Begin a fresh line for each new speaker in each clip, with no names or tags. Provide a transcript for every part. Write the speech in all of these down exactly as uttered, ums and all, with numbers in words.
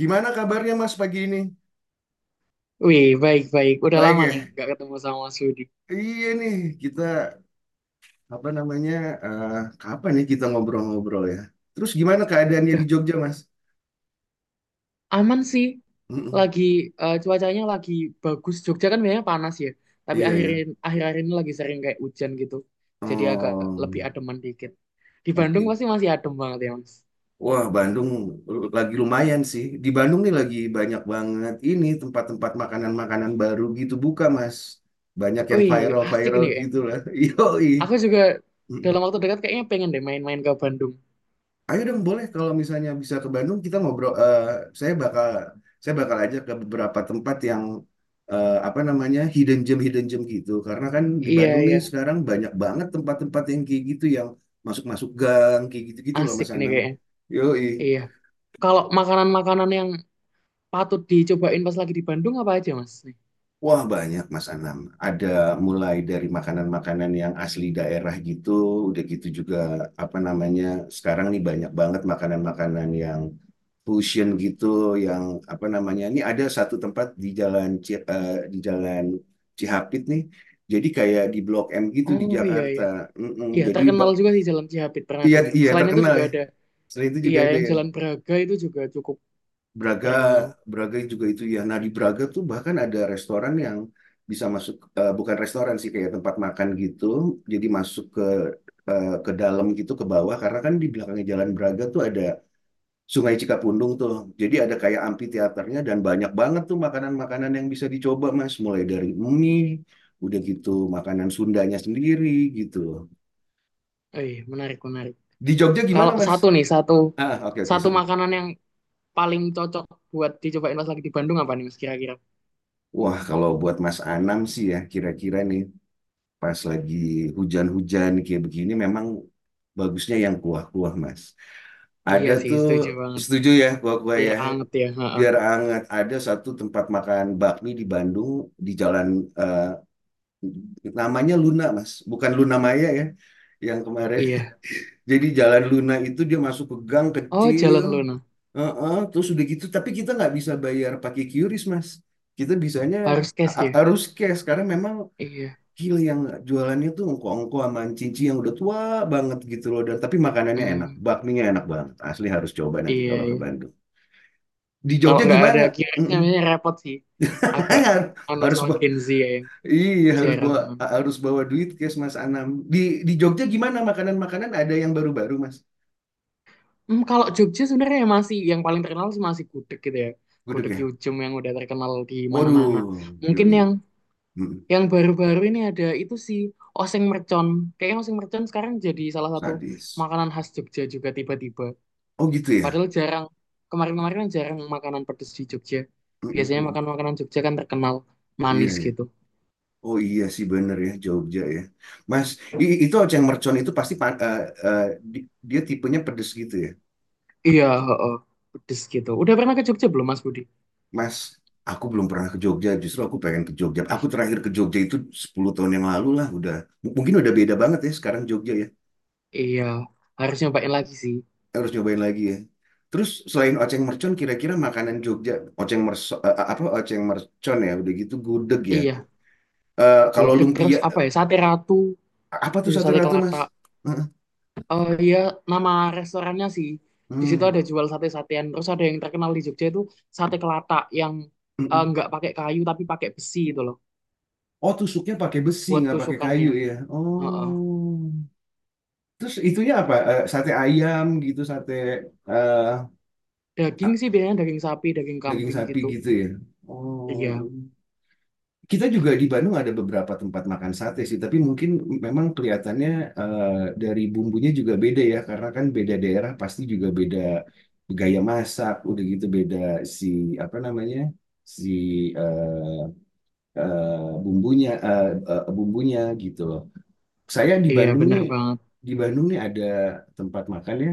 Gimana kabarnya Mas pagi ini?
Wih, baik-baik. Udah
Baik
lama nih
ya?
nggak ketemu sama Mas Yudi.
Iya nih, kita apa namanya? Eh, kapan nih kita ngobrol-ngobrol ya? Terus gimana keadaannya di Jogja, Mas?
Aman sih.
Mm-mm.
Lagi eh, cuacanya lagi bagus. Jogja kan biasanya panas ya. Tapi
Iya
akhir
ya.
akhir-akhir ini lagi sering kayak hujan gitu. Jadi agak
Oh,
lebih ademan dikit. Di Bandung
oke.
pasti masih adem banget ya, Mas.
Wah, Bandung l- lagi lumayan sih. Di Bandung nih lagi banyak banget ini tempat-tempat makanan-makanan baru gitu buka, Mas. Banyak yang
Wih, asik
viral-viral
nih kayaknya.
gitu lah. Yoi.
Aku juga dalam waktu dekat kayaknya pengen deh main-main ke Bandung.
Ayo dong boleh kalau misalnya bisa ke Bandung kita ngobrol. eh, saya bakal saya bakal aja ke beberapa tempat yang eh, apa namanya hidden gem hidden gem gitu. Karena kan di
Iya,
Bandung nih
iya.
sekarang banyak banget tempat-tempat yang kayak gitu yang masuk-masuk gang kayak gitu-gitu loh
Asik
Mas
nih
Anam.
kayaknya.
Yoi.
Iya. Kalau makanan-makanan yang patut dicobain pas lagi di Bandung apa aja, Mas?
Wah banyak Mas Anam. Ada mulai dari makanan-makanan yang asli daerah gitu, udah gitu juga apa namanya. Sekarang nih banyak banget makanan-makanan yang fusion gitu, yang apa namanya. Ini ada satu tempat di jalan Ci- eh, di jalan Cihapit nih. Jadi kayak di Blok M gitu di
Oh, iya,
Jakarta.
iya.
Mm-mm,
Iya,
jadi
terkenal
ba-
juga sih Jalan Cihapit pernah
iya
dengar.
iya
Selain itu
terkenal
juga
ya.
ada,
Selain itu
iya
juga ada
yang
ya.
Jalan Braga itu juga cukup
Braga,
terkenal.
Braga juga itu ya. Nah, di
Iya,
Braga tuh bahkan ada restoran yang bisa masuk, eh, bukan restoran sih, kayak tempat makan gitu. Jadi masuk ke eh, ke dalam gitu, ke bawah. Karena kan di belakangnya Jalan Braga tuh ada Sungai Cikapundung tuh. Jadi ada kayak amphitheaternya dan banyak banget tuh makanan-makanan yang bisa dicoba, Mas. Mulai dari mie, udah gitu makanan Sundanya sendiri gitu.
oh, iya menarik menarik.
Di Jogja
Kalau
gimana, Mas?
satu nih satu
Ah, oke, oke,
satu
sorry.
makanan yang paling cocok buat dicobain pas lagi di Bandung apa nih Mas kira-kira?
Wah, kalau buat Mas Anam sih ya, kira-kira nih pas lagi hujan-hujan kayak begini memang bagusnya yang kuah-kuah mas.
Iya
Ada
sih,
tuh
setuju banget.
setuju ya kuah-kuah
Biar
ya
anget ya, heeh.
biar hangat ada satu tempat makan bakmi di Bandung di jalan eh, namanya Luna mas bukan Luna Maya ya yang kemarin.
Iya.
Jadi jalan Luna itu dia masuk ke gang
Oh,
kecil.
Jalan Luna,
Heeh, terus udah gitu tapi kita nggak bisa bayar pakai QRIS mas kita bisanya
harus
ha-
cash
ha-
ya.
harus cash karena memang
Iya.
Gila yang jualannya tuh ongko-ongko sama cinci yang udah tua banget gitu loh. Dan tapi makanannya enak,
Hmm,
bakminya enak banget. Asli harus coba nanti
iya
kalau ke
iya.
Bandung. Di
Kalau
Jogja
nggak ada
gimana?
kiosnya,
Mm-mm.
namanya repot sih. Agak anu
Harus
sama
bawa,
Gen Z ya yang
iya harus
jarang.
bawa harus bawa duit cash Mas Anam. Di di Jogja gimana makanan-makanan ada yang baru-baru Mas?
Hmm, kalau Jogja sebenarnya masih yang paling terkenal sih masih gudeg gitu ya.
Gudeg
Gudeg
ya.
Yujem yang udah terkenal di
Waduh,
mana-mana.
iya,
Mungkin
iya.
yang
Mm-mm.
yang baru-baru ini ada itu sih oseng mercon. Kayaknya oseng mercon sekarang jadi salah satu
Sadis.
makanan khas Jogja juga tiba-tiba.
Oh gitu ya.
Padahal jarang kemarin-kemarin kan jarang makanan pedes di Jogja. Biasanya
Mm-mm.
makan makanan Jogja kan terkenal
Iya
manis
ya.
gitu.
Oh iya sih bener ya Jogja ya. Mas, i- itu oceng mercon itu pasti pa- eh, eh, di- dia tipenya pedes gitu ya.
Iya, heeh, pedes gitu. Udah pernah ke Jogja belum Mas Budi?
Mas, aku belum pernah ke Jogja, justru aku pengen ke Jogja. Aku
Eh,
terakhir ke Jogja itu sepuluh tahun yang lalu lah, udah. M- mungkin udah beda banget ya sekarang Jogja ya.
iya, harus nyobain lagi sih.
Harus nyobain lagi ya. Terus selain oceng mercon kira-kira makanan Jogja, oceng mercon apa oceng mercon ya, udah gitu gudeg ya.
Iya,
Eh, kalau
gudeg terus
lumpia
apa ya? Sate ratu.
apa tuh
Tujuh
sate
sate
ratu,
kelata.
Mas? Heeh.
Oh iya, nama restorannya sih. Di situ
Hmm.
ada jual sate-satean. Terus ada yang terkenal di Jogja itu sate kelata yang
Hmm,
eh,
hmm.
nggak pakai kayu tapi pakai besi itu loh
Oh, tusuknya pakai besi,
buat
nggak pakai kayu
tusukannya.
ya.
Heeh.
Oh. Terus itunya apa? Eh, sate ayam gitu, sate eh,
Daging sih biasanya daging sapi, daging
daging
kambing
sapi
gitu.
gitu ya.
Iya,
Oh. Kita juga di Bandung ada beberapa tempat makan sate sih, tapi mungkin memang kelihatannya eh, dari bumbunya juga beda ya, karena kan beda daerah pasti juga beda gaya masak, udah gitu beda si apa namanya? Si eh, eh, bumbunya eh, eh, bumbunya gitu. saya di
iya
Bandung
bener
nih
banget.
di Bandung nih ada tempat makan ya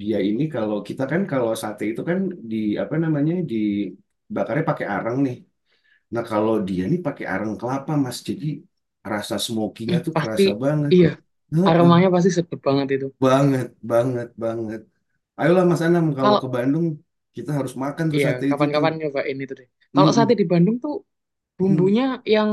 dia ini kalau kita kan kalau sate itu kan di apa namanya dibakarnya pakai arang nih. Nah kalau dia nih pakai arang kelapa mas jadi rasa smokinya tuh
Pasti
kerasa banget.
iya,
Heeh,
aromanya pasti sedap banget itu.
banget banget banget ayolah Mas Anam kalau
Kalau
ke Bandung kita harus makan tuh
iya,
sate itu tuh.
kapan-kapan nyobain itu deh. Kalau sate
Mm-mm.
di Bandung tuh bumbunya yang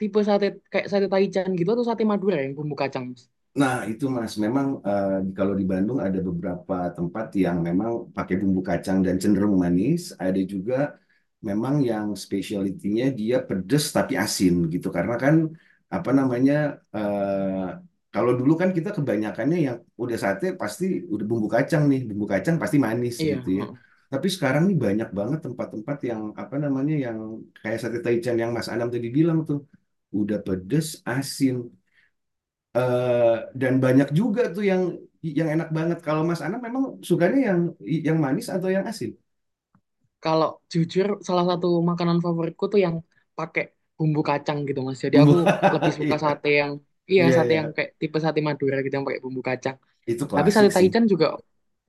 tipe sate kayak sate Taichan gitu atau sate Madura yang bumbu kacang. Mas?
Nah, itu Mas, memang eh, kalau di Bandung ada beberapa tempat yang memang pakai bumbu kacang dan cenderung manis. Ada juga memang yang spesialitinya dia pedes tapi asin gitu. Karena kan apa namanya eh, kalau dulu kan kita kebanyakannya yang udah sate pasti udah bumbu kacang nih, bumbu kacang pasti manis
Iya,
gitu ya.
heeh.
Tapi sekarang nih banyak banget tempat-tempat yang apa namanya yang kayak sate Taichan yang Mas Anam tadi bilang tuh udah pedes asin. Eh, dan banyak juga tuh yang yang enak banget. Kalau Mas Ana memang sukanya yang yang manis atau yang asin?
Kalau jujur, salah satu makanan favoritku tuh yang pakai bumbu kacang gitu, Mas. Jadi
Bumbu.
aku lebih suka
Iya,
sate yang, iya
iya,
sate
iya.
yang kayak tipe sate Madura gitu yang pakai bumbu kacang.
Itu
Tapi
klasik
sate
sih.
Taichan juga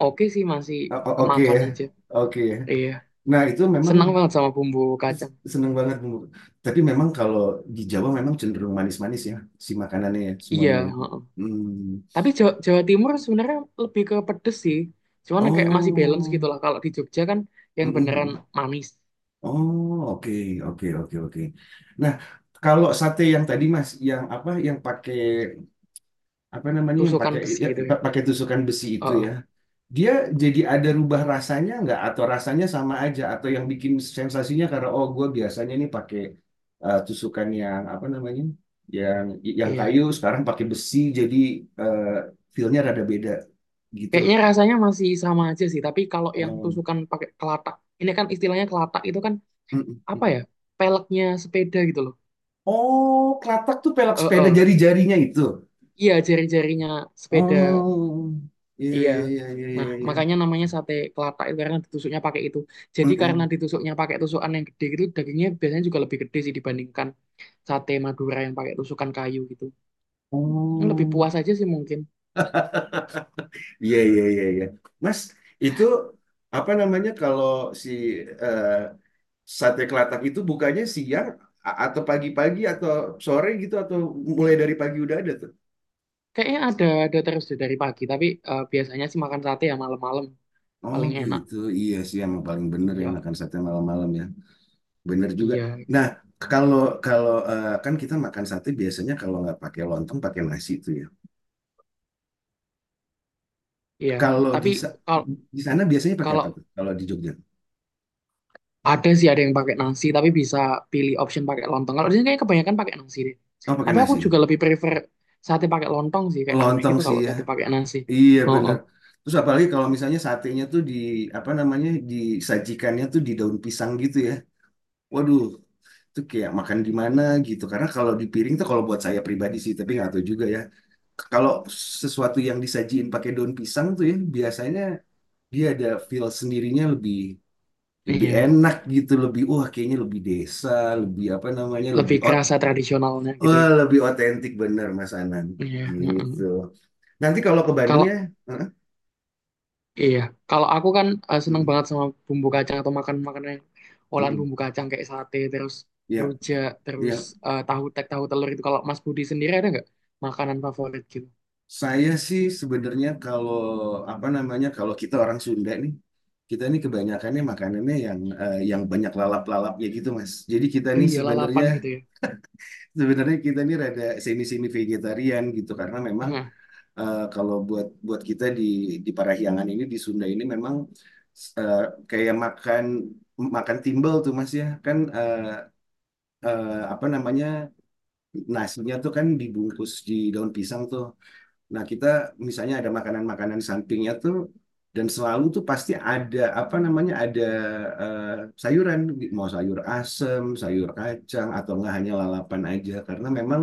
oke sih, masih
O- o- Oke
kemakan
ya.
aja.
Oke ya.
Iya,
Nah, itu memang
senang banget sama bumbu
s-
kacang.
seneng banget bumbu. Tapi memang kalau di Jawa memang cenderung manis-manis ya si makanannya ya,
Iya,
semuanya ya.
heeh.
Hmm.
Tapi Jawa, Jawa Timur sebenarnya lebih ke pedes sih. Cuman kayak masih balance
Oh.
gitu lah. Kalau di Jogja kan yang beneran
Mm-mm.
manis,
Oh, oke, oke, oke, oke. Nah, kalau sate yang tadi Mas, yang apa yang pakai apa namanya yang
tusukan
pakai
besi
ya,
gitu ya.
pakai tusukan besi itu
Heeh,
ya dia jadi ada rubah rasanya nggak atau rasanya sama aja atau yang bikin sensasinya karena oh gue biasanya nih pakai eh, tusukan yang apa namanya yang yang
iya.
kayu sekarang pakai besi jadi eh, feel rada beda gitu.
Kayaknya rasanya masih sama aja sih, tapi kalau yang
Em,
tusukan pakai kelatak, ini kan istilahnya kelatak itu kan
mm, mm,
apa
mm.
ya? Peleknya sepeda gitu loh.
Oh kelatak tuh pelak
Eh,
sepeda
eh.
jari-jarinya itu.
Iya, jari-jarinya sepeda.
Oh iya
Iya.
iya iya iya
Nah,
iya iya.
makanya namanya sate kelatak itu karena ditusuknya pakai itu.
Mm,
Jadi karena
mm.
ditusuknya pakai tusukan yang gede gitu, dagingnya biasanya juga lebih gede sih dibandingkan sate Madura yang pakai tusukan kayu gitu. Ini lebih
Oh
puas aja sih mungkin.
Iya, iya, iya, iya. Mas, itu apa namanya kalau si eh, sate kelatak itu bukanya siang a- atau pagi-pagi atau sore gitu atau mulai dari pagi udah ada tuh?
Kayaknya ada ada terus deh dari pagi, tapi eh, biasanya sih makan sate ya malam-malam
Oh
paling enak.
gitu, iya sih yang paling bener yang
Iya,
makan sate malam-malam ya. Bener juga.
iya.
Nah, kalau kalau eh, kan kita makan sate biasanya kalau nggak pakai lontong pakai nasi itu ya.
Iya,
Kalau di
tapi
sa-
kalau
di sana biasanya pakai apa
kalau
tuh? Kalau di Jogja?
ada sih ada yang pakai nasi, tapi bisa pilih option pakai lontong. Kalau di sini kayak kebanyakan pakai nasi deh.
Oh pakai
Tapi aku
nasi.
juga lebih prefer sate pakai lontong sih, kayak aneh
Lontong
gitu
sih
kalau
ya.
sate pakai nasi.
Iya
Oh, oh,
benar. Terus apalagi kalau misalnya satenya tuh di apa namanya disajikannya tuh di daun pisang gitu ya. Waduh, itu kayak makan di mana gitu. Karena kalau di piring tuh kalau buat saya pribadi sih, tapi nggak tahu juga ya. Kalau sesuatu yang disajiin pakai daun pisang tuh ya biasanya dia ada feel sendirinya lebih lebih
iya,
enak gitu, lebih wah kayaknya lebih desa, lebih apa namanya
lebih
lebih ot
kerasa tradisionalnya gitu
wah,
ya.
lebih otentik bener Mas Anan
Iya,
gitu.
heeh.
Nanti kalau ke Bandung
Kalau
ya, heeh,
iya, kalau aku kan eh, seneng
mm,
banget sama bumbu kacang atau makan makanan yang olahan
mm.
bumbu kacang kayak sate, terus
Ya,
rujak, terus
Ya,
eh, tahu tek, tahu telur itu. Kalau Mas Budi sendiri ada nggak makanan favorit gitu?
saya sih sebenarnya kalau apa namanya kalau kita orang Sunda nih, kita nih kebanyakannya makanannya yang eh, yang banyak lalap-lalapnya gitu, Mas. Jadi kita
Oh
nih
iya,
sebenarnya
lalapan gitu ya.
sebenarnya kita nih rada semi-semi vegetarian gitu karena memang eh, kalau buat buat kita di di Parahyangan ini di Sunda ini memang eh, kayak makan makan timbel tuh, Mas ya. Kan eh, eh, apa namanya nasinya tuh kan dibungkus di daun pisang tuh. Nah, kita misalnya ada makanan-makanan sampingnya tuh dan selalu tuh pasti ada apa namanya ada eh, sayuran mau sayur asem, sayur kacang atau enggak hanya lalapan aja karena memang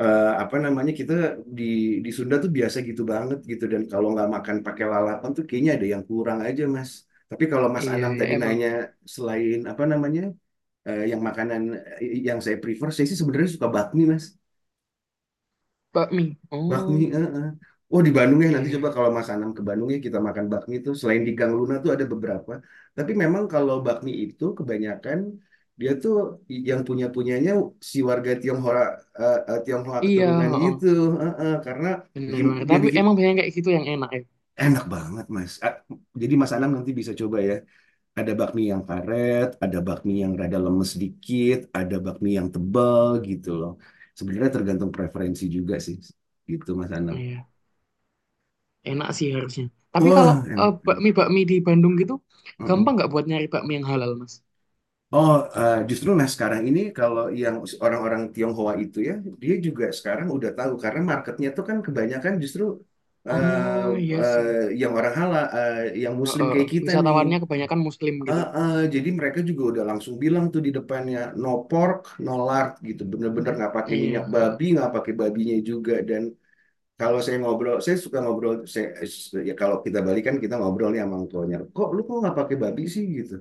eh, apa namanya kita di di Sunda tuh biasa gitu banget gitu dan kalau nggak makan pakai lalapan tuh kayaknya ada yang kurang aja Mas. Tapi kalau Mas
Iya
Anam
ya
tadi
emang
nanya selain apa namanya eh, yang makanan eh, yang saya prefer saya sih sebenarnya suka bakmi Mas.
bakmi.
Bakmi,
Oh
eh, eh. Oh di Bandung ya nanti
iya
coba
iya
kalau Mas Anam ke Bandung ya kita makan bakmi itu selain di Gang Luna tuh ada beberapa. Tapi memang kalau bakmi itu kebanyakan dia tuh i- yang punya punyanya si warga Tionghoa eh, eh, Tionghoa
iya
keturunan
heeh.
gitu. Eh, eh. Karena
Bener
bikin
bener.
dia
Tapi
bikin
emang banyak kayak gitu yang enak ya.
enak banget Mas. Ah, jadi Mas
Iya
Anam
iya,
nanti bisa coba ya. Ada bakmi yang karet, ada bakmi yang rada lemes dikit, ada bakmi yang tebal gitu loh. Sebenarnya tergantung preferensi juga sih. Gitu Mas Anam.
iya, enak sih harusnya. Tapi
Wah,
kalau eh,
enak. enak.
bakmi bakmi di Bandung gitu, gampang
Mm-mm.
nggak buat nyari bakmi yang halal mas?
Oh, eh, justru nah sekarang ini kalau yang orang-orang Tionghoa itu ya, dia juga sekarang udah tahu karena marketnya tuh kan kebanyakan justru eh,
Oh iya sih.
eh, yang orang halal, eh, yang Muslim
Heeh.
kayak kita nih.
Wisatawannya kebanyakan Muslim gitu,
Eh,
ya.
eh, jadi mereka juga udah langsung bilang tuh di depannya no pork, no lard gitu, bener-bener nggak pakai
Iya,
minyak
heeh.
babi, nggak pakai babinya juga dan Kalau saya ngobrol, saya suka ngobrol. Saya, ya kalau kita balikan kita ngobrol nih sama orang Kok lu kok nggak pakai babi sih gitu?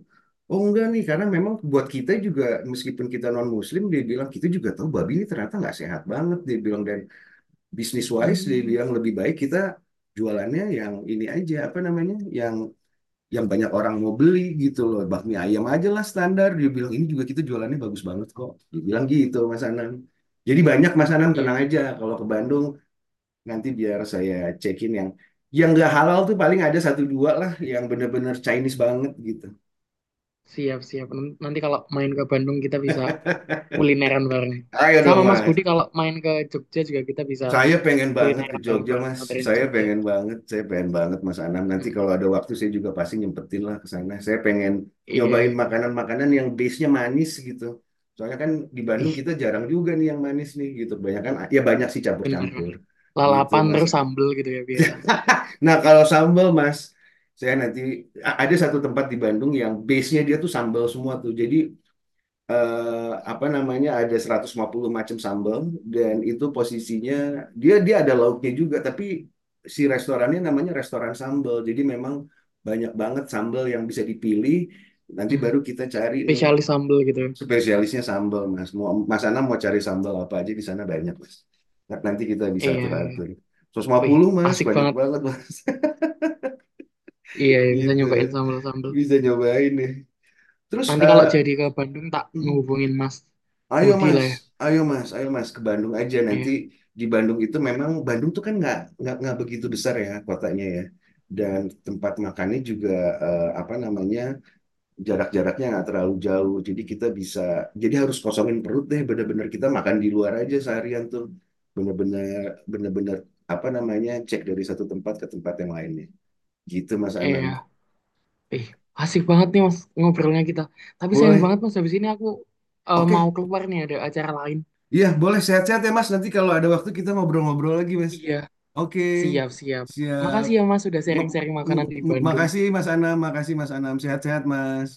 Oh enggak nih, karena memang buat kita juga meskipun kita non Muslim, dia bilang kita juga tahu babi ini ternyata nggak sehat banget. Dia bilang dan bisnis wise dia
Hmm,
bilang lebih baik kita jualannya yang ini aja apa namanya yang yang banyak orang mau beli gitu loh bakmi ayam aja lah standar dia bilang ini juga kita jualannya bagus banget kok dia bilang gitu Mas Anang jadi banyak Mas Anang
iya.
tenang aja kalau ke Bandung. Nanti biar saya cekin yang yang nggak halal tuh paling ada satu dua lah yang bener-bener Chinese banget gitu.
Siap siap. Nan- Nanti kalau main ke Bandung kita bisa kulineran bareng.
Ayo
Sama
dong
Mas
Mas.
Budi kalau main ke Jogja juga kita bisa
Saya pengen banget ke
kulineran
Jogja
bareng-bareng
Mas.
modern
Saya
Jogja.
pengen banget, saya pengen banget Mas Anam. Nanti kalau ada waktu saya juga pasti nyempetin lah ke sana. Saya pengen
Iya,
nyobain
iya.
makanan-makanan yang base-nya manis gitu. Soalnya kan di Bandung
Ih,
kita jarang juga nih yang manis nih gitu. Banyak kan ya banyak sih
bener,
campur-campur
bener.
gitu
Lalapan
Mas.
terus sambel gitu ya biasanya.
Nah, kalau sambal, Mas, saya nanti a- ada satu tempat di Bandung yang base-nya dia tuh sambal semua tuh. Jadi eh, apa namanya ada seratus lima puluh macam sambal dan itu posisinya dia dia ada lauknya juga, tapi si restorannya namanya restoran sambal. Jadi memang banyak banget sambal yang bisa dipilih. Nanti
Hmm,
baru kita cari nih
spesialis sambel gitu.
spesialisnya sambal, Mas. Mau Mas Ana mau cari sambal apa aja di sana banyak, Mas. Nanti kita bisa
Iya, iya.
atur-atur. seratus lima
Wih,
puluh Mas,
asik
banyak
banget nih.
banget, Mas.
Iya, iya, bisa
Gitu.
nyobain sambel-sambel.
Bisa nyobain nih. Terus
Nanti
eh,
kalau jadi ke Bandung tak
mhm.
ngehubungin Mas
ayo
Budi
Mas,
lah ya.
ayo Mas, ayo Mas ke Bandung aja nanti
Iya,
di Bandung itu memang Bandung tuh kan nggak nggak nggak begitu besar ya kotanya ya. Dan tempat makannya juga eh, apa namanya jarak-jaraknya nggak terlalu jauh. Jadi kita bisa jadi harus kosongin perut deh bener-bener kita makan di luar aja seharian tuh. Bener-bener bener-bener apa namanya cek dari satu tempat ke tempat yang lainnya. Gitu Mas Anam.
iya. Ih, asik banget nih Mas ngobrolnya kita. Tapi sayang
Boleh.
banget Mas, habis ini aku eh, mau
Oke,
keluar nih ada acara lain.
iya, boleh sehat-sehat ya Mas. Nanti kalau ada waktu kita ngobrol-ngobrol lagi, Mas.
Iya,
Oke,
siap-siap.
siap.
Makasih ya Mas sudah
Ma-
sharing-sharing makanan
m-
di
m-
Bandung.
makasih Mas Anam, makasih Mas Anam. Sehat-sehat, Mas.